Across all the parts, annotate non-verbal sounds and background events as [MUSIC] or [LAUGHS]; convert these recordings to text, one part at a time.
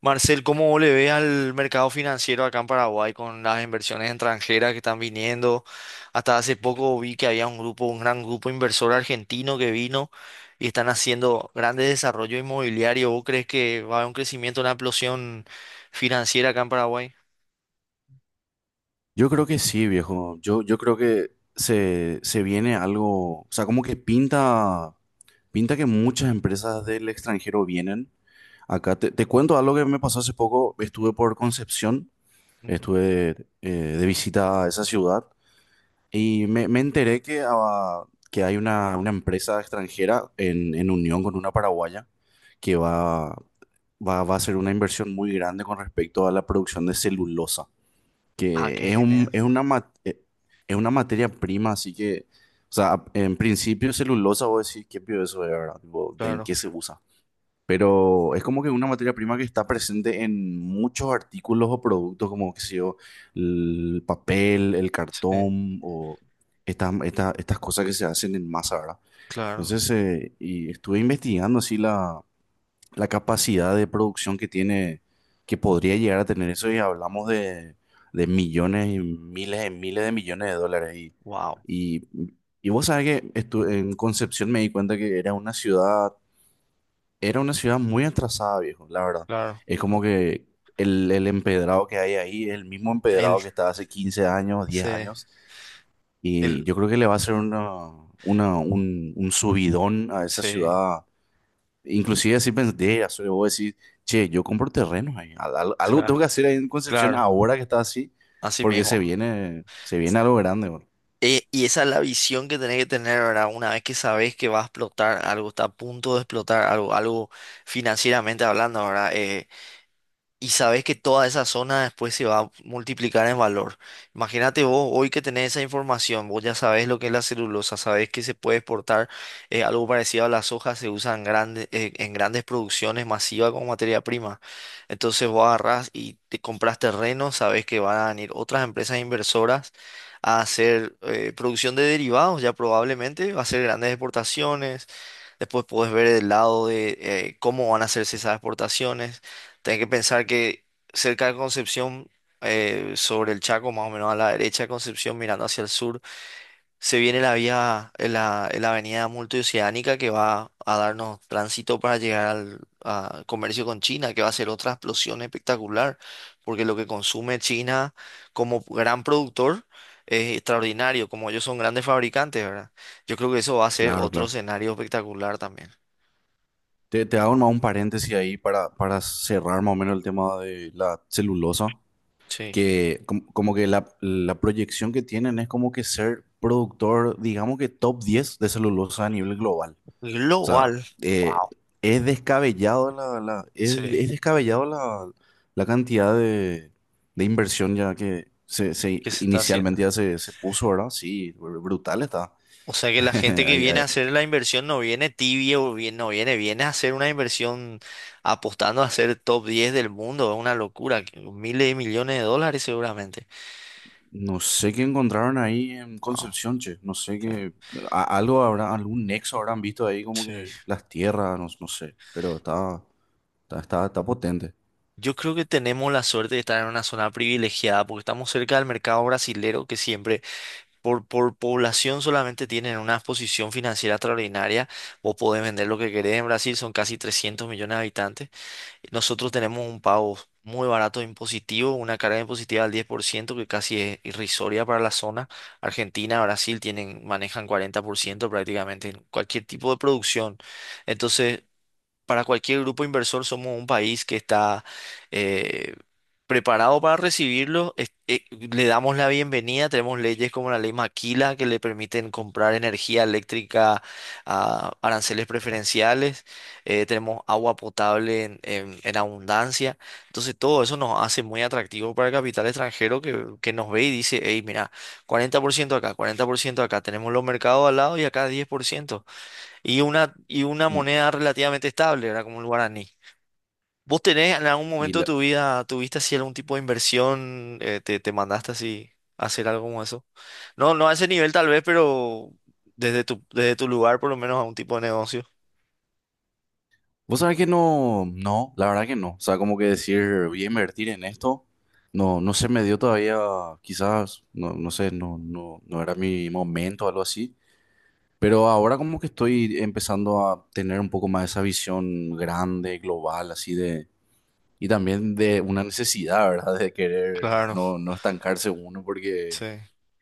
Marcel, ¿cómo le ve al mercado financiero acá en Paraguay con las inversiones extranjeras que están viniendo? Hasta hace poco vi que había un gran grupo inversor argentino que vino y están haciendo grandes desarrollos inmobiliarios. ¿Vos crees que va a haber un crecimiento, una explosión financiera acá en Paraguay? Yo creo que sí, viejo. Yo creo que se viene algo, o sea, como que pinta, pinta que muchas empresas del extranjero vienen. Acá te cuento algo que me pasó hace poco. Estuve por Concepción, Ujú. estuve de visita a esa ciudad y me enteré que, que hay una empresa extranjera en unión con una paraguaya que va, va, va a hacer una inversión muy grande con respecto a la producción de celulosa Ah, qué que es un, genial. es una, es una materia prima, así que, o sea, en principio celulosa, vos decís, ¿qué pío eso es, verdad? Tipo, ¿de en Claro, qué se usa? Pero es como que una materia prima que está presente en muchos artículos o productos, como, qué sé yo, el papel, el sí, cartón o estas cosas que se hacen en masa, ¿verdad? claro. Entonces, y estuve investigando así la capacidad de producción que tiene, que podría llegar a tener eso, y hablamos de millones y miles de millones de dólares. Wow, y, y vos sabés que en Concepción me di cuenta que era una ciudad muy atrasada, viejo, la verdad. claro. Es Mm. como que el empedrado que hay ahí es el mismo Él, empedrado que estaba hace 15 años, diez sí, años, y él, yo creo que le va a hacer una, un subidón a esa sí, ciudad. Inclusive así pensé, soy vos decís, che, yo compro terrenos ahí. Algo tengo claro, que hacer ahí en Concepción claro. ahora que está así, Así porque mismo. Se viene algo grande, bro. Y esa es la visión que tenés que tener, ¿verdad? Una vez que sabes que va a explotar algo, está a punto de explotar algo, algo financieramente hablando, ¿verdad? Y sabes que toda esa zona después se va a multiplicar en valor. Imagínate vos hoy que tenés esa información, vos ya sabés lo que es la celulosa, sabés que se puede exportar algo parecido a la soja, se usa en grandes producciones masivas como materia prima. Entonces vos agarrás y te compras terreno, sabés que van a venir otras empresas inversoras a hacer producción de derivados, ya probablemente, va a hacer grandes exportaciones. Después puedes ver el lado de cómo van a hacerse esas exportaciones. Tenés que pensar que cerca de Concepción, sobre el Chaco, más o menos a la derecha de Concepción, mirando hacia el sur, se viene la avenida multioceánica que va a darnos tránsito para llegar al a comercio con China, que va a ser otra explosión espectacular, porque lo que consume China como gran productor es extraordinario, como ellos son grandes fabricantes, ¿verdad? Yo creo que eso va a ser Claro, otro claro. escenario espectacular también. Te hago más un paréntesis ahí para cerrar más o menos el tema de la celulosa, Sí. que que la proyección que tienen es como que ser productor, digamos que top 10 de celulosa a nivel global. O sea, Global. eh, Wow. es descabellado la, Sí. Es descabellado la, la cantidad de inversión ya que ¿Qué se está haciendo? inicialmente ya se puso, ¿verdad? Sí, brutal está. O sea que [LAUGHS] la gente que Ay, viene ay, a hacer la inversión no viene tibia o bien, no viene, viene a hacer una inversión apostando a ser top 10 del mundo. Es una locura, que miles de millones de dólares seguramente. no sé qué encontraron ahí en Wow, Concepción, che. No sé qué. Algo habrá, algún nexo habrán visto ahí, como sí, sí. que las tierras, no, no sé. Pero está, está, está, está potente. Yo creo que tenemos la suerte de estar en una zona privilegiada porque estamos cerca del mercado brasilero que siempre por población solamente tienen una posición financiera extraordinaria. Vos podés vender lo que querés en Brasil, son casi 300 millones de habitantes. Nosotros tenemos un pago muy barato e impositivo, una carga impositiva del 10%, que casi es irrisoria para la zona. Argentina, Brasil tienen, manejan 40% prácticamente en cualquier tipo de producción. Entonces, para cualquier grupo inversor somos un país que está eh, preparado para recibirlo. Le damos la bienvenida. Tenemos leyes como la ley Maquila que le permiten comprar energía eléctrica a aranceles preferenciales. Tenemos agua potable en, en abundancia. Entonces todo eso nos hace muy atractivo para el capital extranjero que nos ve y dice, hey, mira, 40% acá, 40% acá. Tenemos los mercados al lado y acá 10% y una Mm. moneda relativamente estable, ¿verdad? Como el guaraní. ¿Vos tenés en algún Y momento de la, tu vida, tuviste así algún tipo de inversión, te mandaste así a hacer algo como eso? No, no a ese nivel tal vez, pero desde tu lugar por lo menos a un tipo de negocio. vos sabés que no, no, la verdad que no. O sea, como que decir, voy a invertir en esto, no, no se me dio todavía, quizás, no, no sé, no, no, no era mi momento o algo así. Pero ahora como que estoy empezando a tener un poco más esa visión grande, global, así de, y también de una necesidad, ¿verdad? De querer Claro, no, no estancarse uno, porque, sí.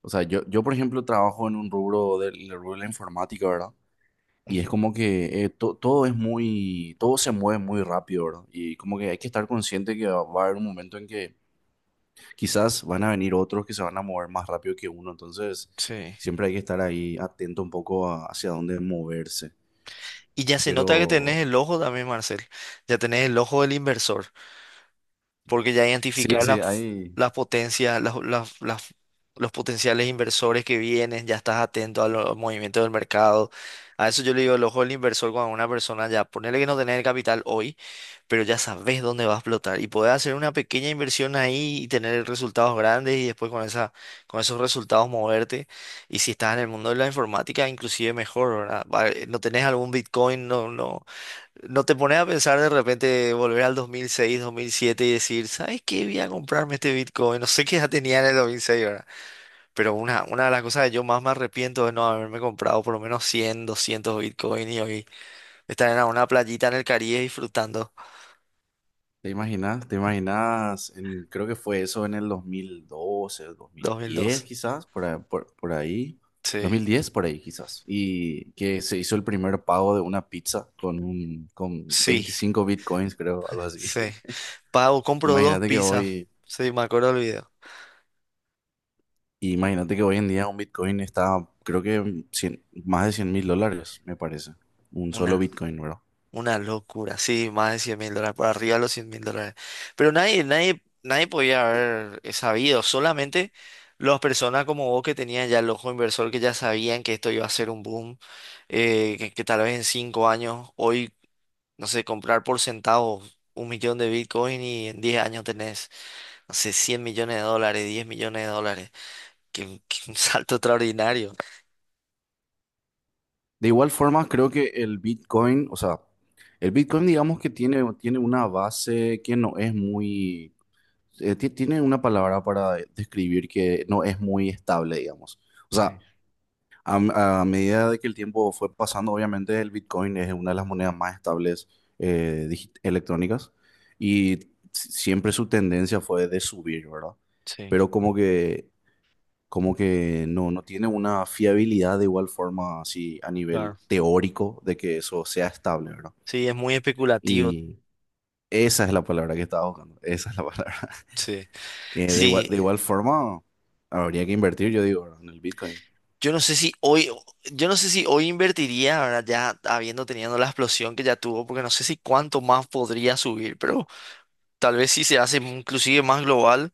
o sea, yo por ejemplo trabajo en un rubro del, en el rubro de la informática, ¿verdad? Y es Ujú. como que todo es muy, todo se mueve muy rápido, ¿verdad? Y como que hay que estar consciente que va, va a haber un momento en que quizás van a venir otros que se van a mover más rápido que uno, entonces Sí. siempre hay que estar ahí atento un poco hacia dónde moverse. Y ya se nota que tenés Pero el ojo también, Marcel. Ya tenés el ojo del inversor. Porque ya sí, identificar sí, hay... las potencias, las- los potenciales inversores que vienen, ya estás atento a los movimientos del mercado. A eso yo le digo el ojo del inversor cuando una persona ya, ponele que no tenés el capital hoy, pero ya sabes dónde va a explotar y podés hacer una pequeña inversión ahí y tener resultados grandes y después con esos resultados moverte. Y si estás en el mundo de la informática, inclusive mejor, ¿verdad? No tenés algún Bitcoin, no, no. ¿No te pones a pensar de repente volver al 2006, 2007 y decir, ¿sabes qué? Voy a comprarme este Bitcoin? No sé qué ya tenía en el 2006, ¿verdad? Pero una de las cosas que yo más me arrepiento es no haberme comprado por lo menos 100, 200 Bitcoin y hoy estar en una playita en el Caribe disfrutando. ¿Te imaginas? ¿Te imaginas? Creo que fue eso en el 2012, 2010, 2012. quizás, por ahí. dos Sí, mil diez por ahí quizás. Y que se hizo el primer pago de una pizza con, un, con sí, 25 bitcoins, creo, algo así. sí. [LAUGHS] Pago, compro dos Imagínate que pizzas. hoy, Sí, me acuerdo del video. imagínate que hoy en día un bitcoin está, creo que más de $100.000, me parece. Un solo Una. bitcoin, ¿verdad? Una locura, sí, más de 100.000 dólares, por arriba de los 100.000 dólares. Pero nadie, nadie, nadie podía haber sabido, solamente las personas como vos que tenían ya el ojo inversor, que ya sabían que esto iba a ser un boom, que tal vez en 5 años, hoy, no sé, comprar por centavos un millón de Bitcoin y en 10 años tenés, no sé, 100 millones de dólares, 10 millones de dólares, que un salto [LAUGHS] extraordinario. De igual forma, creo que el Bitcoin, o sea, el Bitcoin digamos que tiene, tiene una base que no es muy, tiene una palabra para describir que no es muy estable, digamos. O Sí, sea, a medida de que el tiempo fue pasando, obviamente el Bitcoin es una de las monedas más estables electrónicas y siempre su tendencia fue de subir, ¿verdad? sí, Pero como que no, no tiene una fiabilidad de igual forma así a nivel claro. teórico de que eso sea estable, ¿verdad? Sí, es muy especulativo, Y esa es la palabra que estaba buscando, esa es la [LAUGHS] palabra. sí. De igual, de Sí, igual forma, habría que invertir, yo digo, ¿verdad? En el Bitcoin. Yo no sé si hoy, yo no sé si hoy invertiría, ahora ya habiendo tenido la explosión que ya tuvo, porque no sé si cuánto más podría subir, pero tal vez si se hace inclusive más global,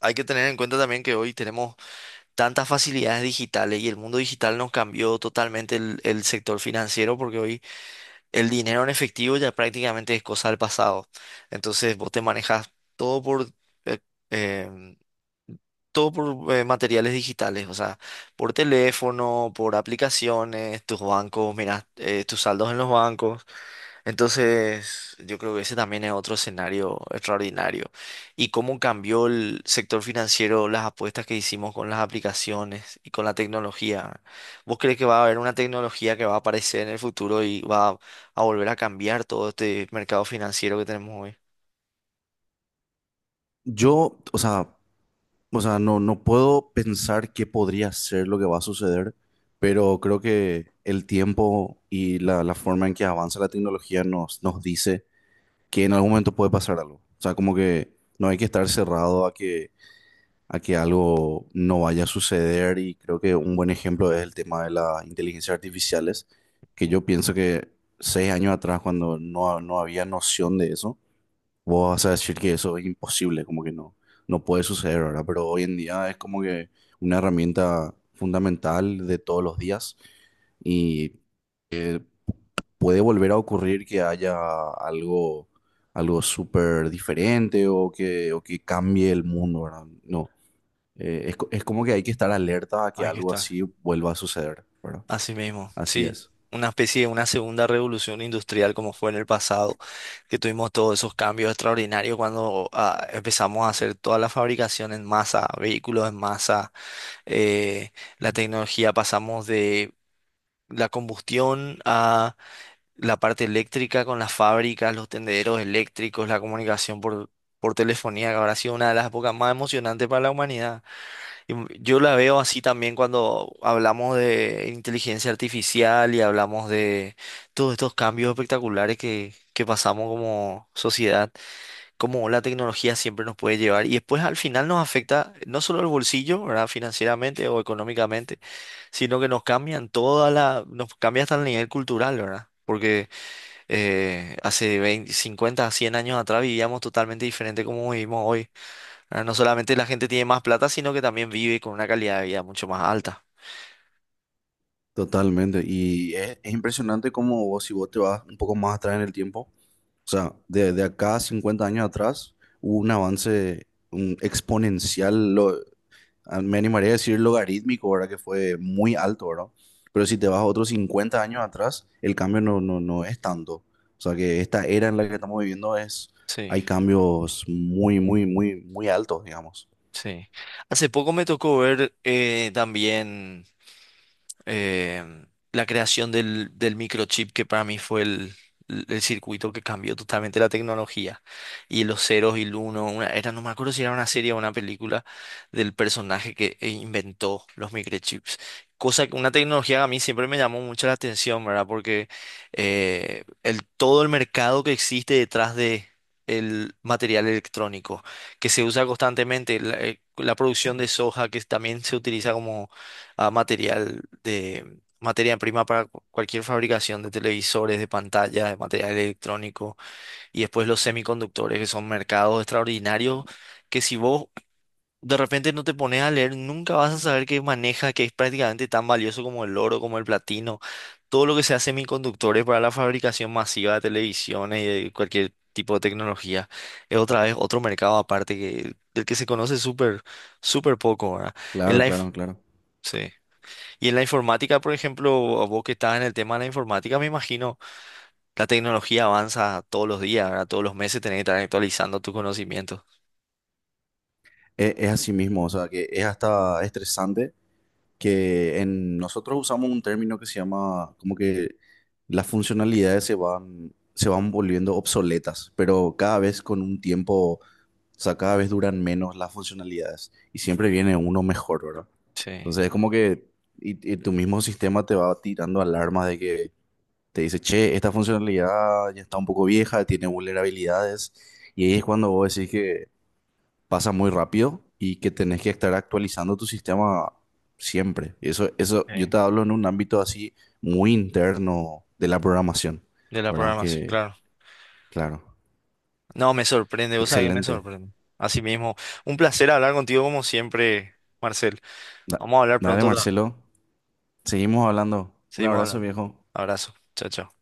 hay que tener en cuenta también que hoy tenemos tantas facilidades digitales y el mundo digital nos cambió totalmente el sector financiero, porque hoy el dinero en efectivo ya prácticamente es cosa del pasado. Entonces vos te manejas eh, eh, todo por materiales digitales, o sea, por teléfono, por aplicaciones, tus bancos, mira, tus saldos en los bancos. Entonces, yo creo que ese también es otro escenario extraordinario. Y cómo cambió el sector financiero, las apuestas que hicimos con las aplicaciones y con la tecnología. ¿Vos crees que va a haber una tecnología que va a aparecer en el futuro y va a volver a cambiar todo este mercado financiero que tenemos hoy? Yo, o sea, no, no puedo pensar qué podría ser lo que va a suceder, pero creo que el tiempo y la forma en que avanza la tecnología nos, nos dice que en algún momento puede pasar algo. O sea, como que no hay que estar cerrado a que algo no vaya a suceder y creo que un buen ejemplo es el tema de las inteligencias artificiales, que Mm. yo pienso que 6 años atrás, cuando no, no había noción de eso, vos vas a decir que eso es imposible, como que no, no puede suceder, ¿verdad? Pero hoy en día es como que una herramienta fundamental de todos los días y eh, puede volver a ocurrir que haya algo... algo súper diferente o que cambie el mundo, ¿verdad? No, es, es como que hay que estar alerta a que Ahí que algo está. así vuelva a suceder, ¿verdad? Así mismo, Así sí, es. una especie de una segunda revolución industrial como fue en el pasado, que tuvimos todos esos cambios extraordinarios cuando ah, empezamos a hacer toda la fabricación en masa, vehículos en masa, eh, la tecnología pasamos de la combustión a la parte eléctrica con las fábricas, los tendederos eléctricos, la comunicación por telefonía, que habrá sido una de las épocas más emocionantes para la humanidad. Y yo la veo así también cuando hablamos de inteligencia artificial y hablamos de todos estos cambios espectaculares que pasamos como sociedad, cómo la tecnología siempre nos puede llevar y después al final nos afecta no solo el bolsillo, ¿verdad? Financieramente o económicamente, sino que nos cambian toda la, nos cambia hasta el nivel cultural, ¿verdad? Porque hace 20, 50, 100 años atrás vivíamos totalmente diferente como vivimos hoy. Ah, no solamente la gente tiene más plata, sino que también vive con una calidad de vida mucho más alta. Totalmente. Y es impresionante cómo vos, si vos te vas un poco más atrás en el tiempo, o sea, de acá a 50 años atrás hubo un avance un exponencial, lo, me animaría a decir logarítmico, ¿verdad? Que fue muy alto, ¿verdad? Pero si te vas otros 50 años atrás, el cambio no, no, no es tanto. O sea, que esta era en la que estamos viviendo es, Sí, hay cambios muy, muy, muy, muy altos, digamos. sí. Hace poco me tocó ver también, eh, la creación del microchip que para mí fue el circuito que cambió totalmente la tecnología y los ceros y el uno, era, no me acuerdo si era una serie o una película del personaje que inventó los microchips. Cosa que una tecnología que a mí siempre me llamó mucho la atención, ¿verdad? Porque todo el mercado que existe detrás de el material electrónico que se usa constantemente, la producción de soja que también se utiliza como a material de materia prima para cualquier fabricación de televisores, de pantallas, de material electrónico y después los semiconductores, que son mercados extraordinarios que si vos de repente no te pones a leer, nunca vas a saber qué maneja, que es prácticamente tan valioso como el oro, como el platino, todo lo que sea semiconductores para la fabricación masiva de televisiones y de cualquier tipo de tecnología. Es otra vez otro mercado aparte que, del que se conoce súper, súper poco, ¿verdad? El Claro, life, claro, claro. sí. Y en la informática, por ejemplo, vos que estás en el tema de la informática, me imagino, la tecnología avanza todos los días, ¿verdad? Todos los meses tenés que estar actualizando tus conocimientos. Es, así mismo, o sea, que es hasta estresante que en nosotros usamos un término que se llama como que las funcionalidades se van volviendo obsoletas, pero cada vez con un tiempo, o sea, cada vez duran menos las funcionalidades y siempre viene uno mejor, ¿verdad? Sí. Entonces es como que y tu mismo sistema te va tirando alarmas de que te dice, che, esta funcionalidad ya está un poco vieja, tiene vulnerabilidades. Y ahí es cuando vos decís que pasa muy rápido y que tenés que estar actualizando tu sistema siempre. Eso yo te Sí. hablo en un ámbito así muy interno de la programación, De la ¿verdad? programación, Que, claro. claro, No, me sorprende, vos sabés que me excelente. sorprende. Así mismo, un placer hablar contigo como siempre, Marcel. Da- Vamos a hablar Dale, pronto otra vez. Marcelo, seguimos hablando. Un Seguimos abrazo, hablando. viejo. Abrazo. Chao, chao.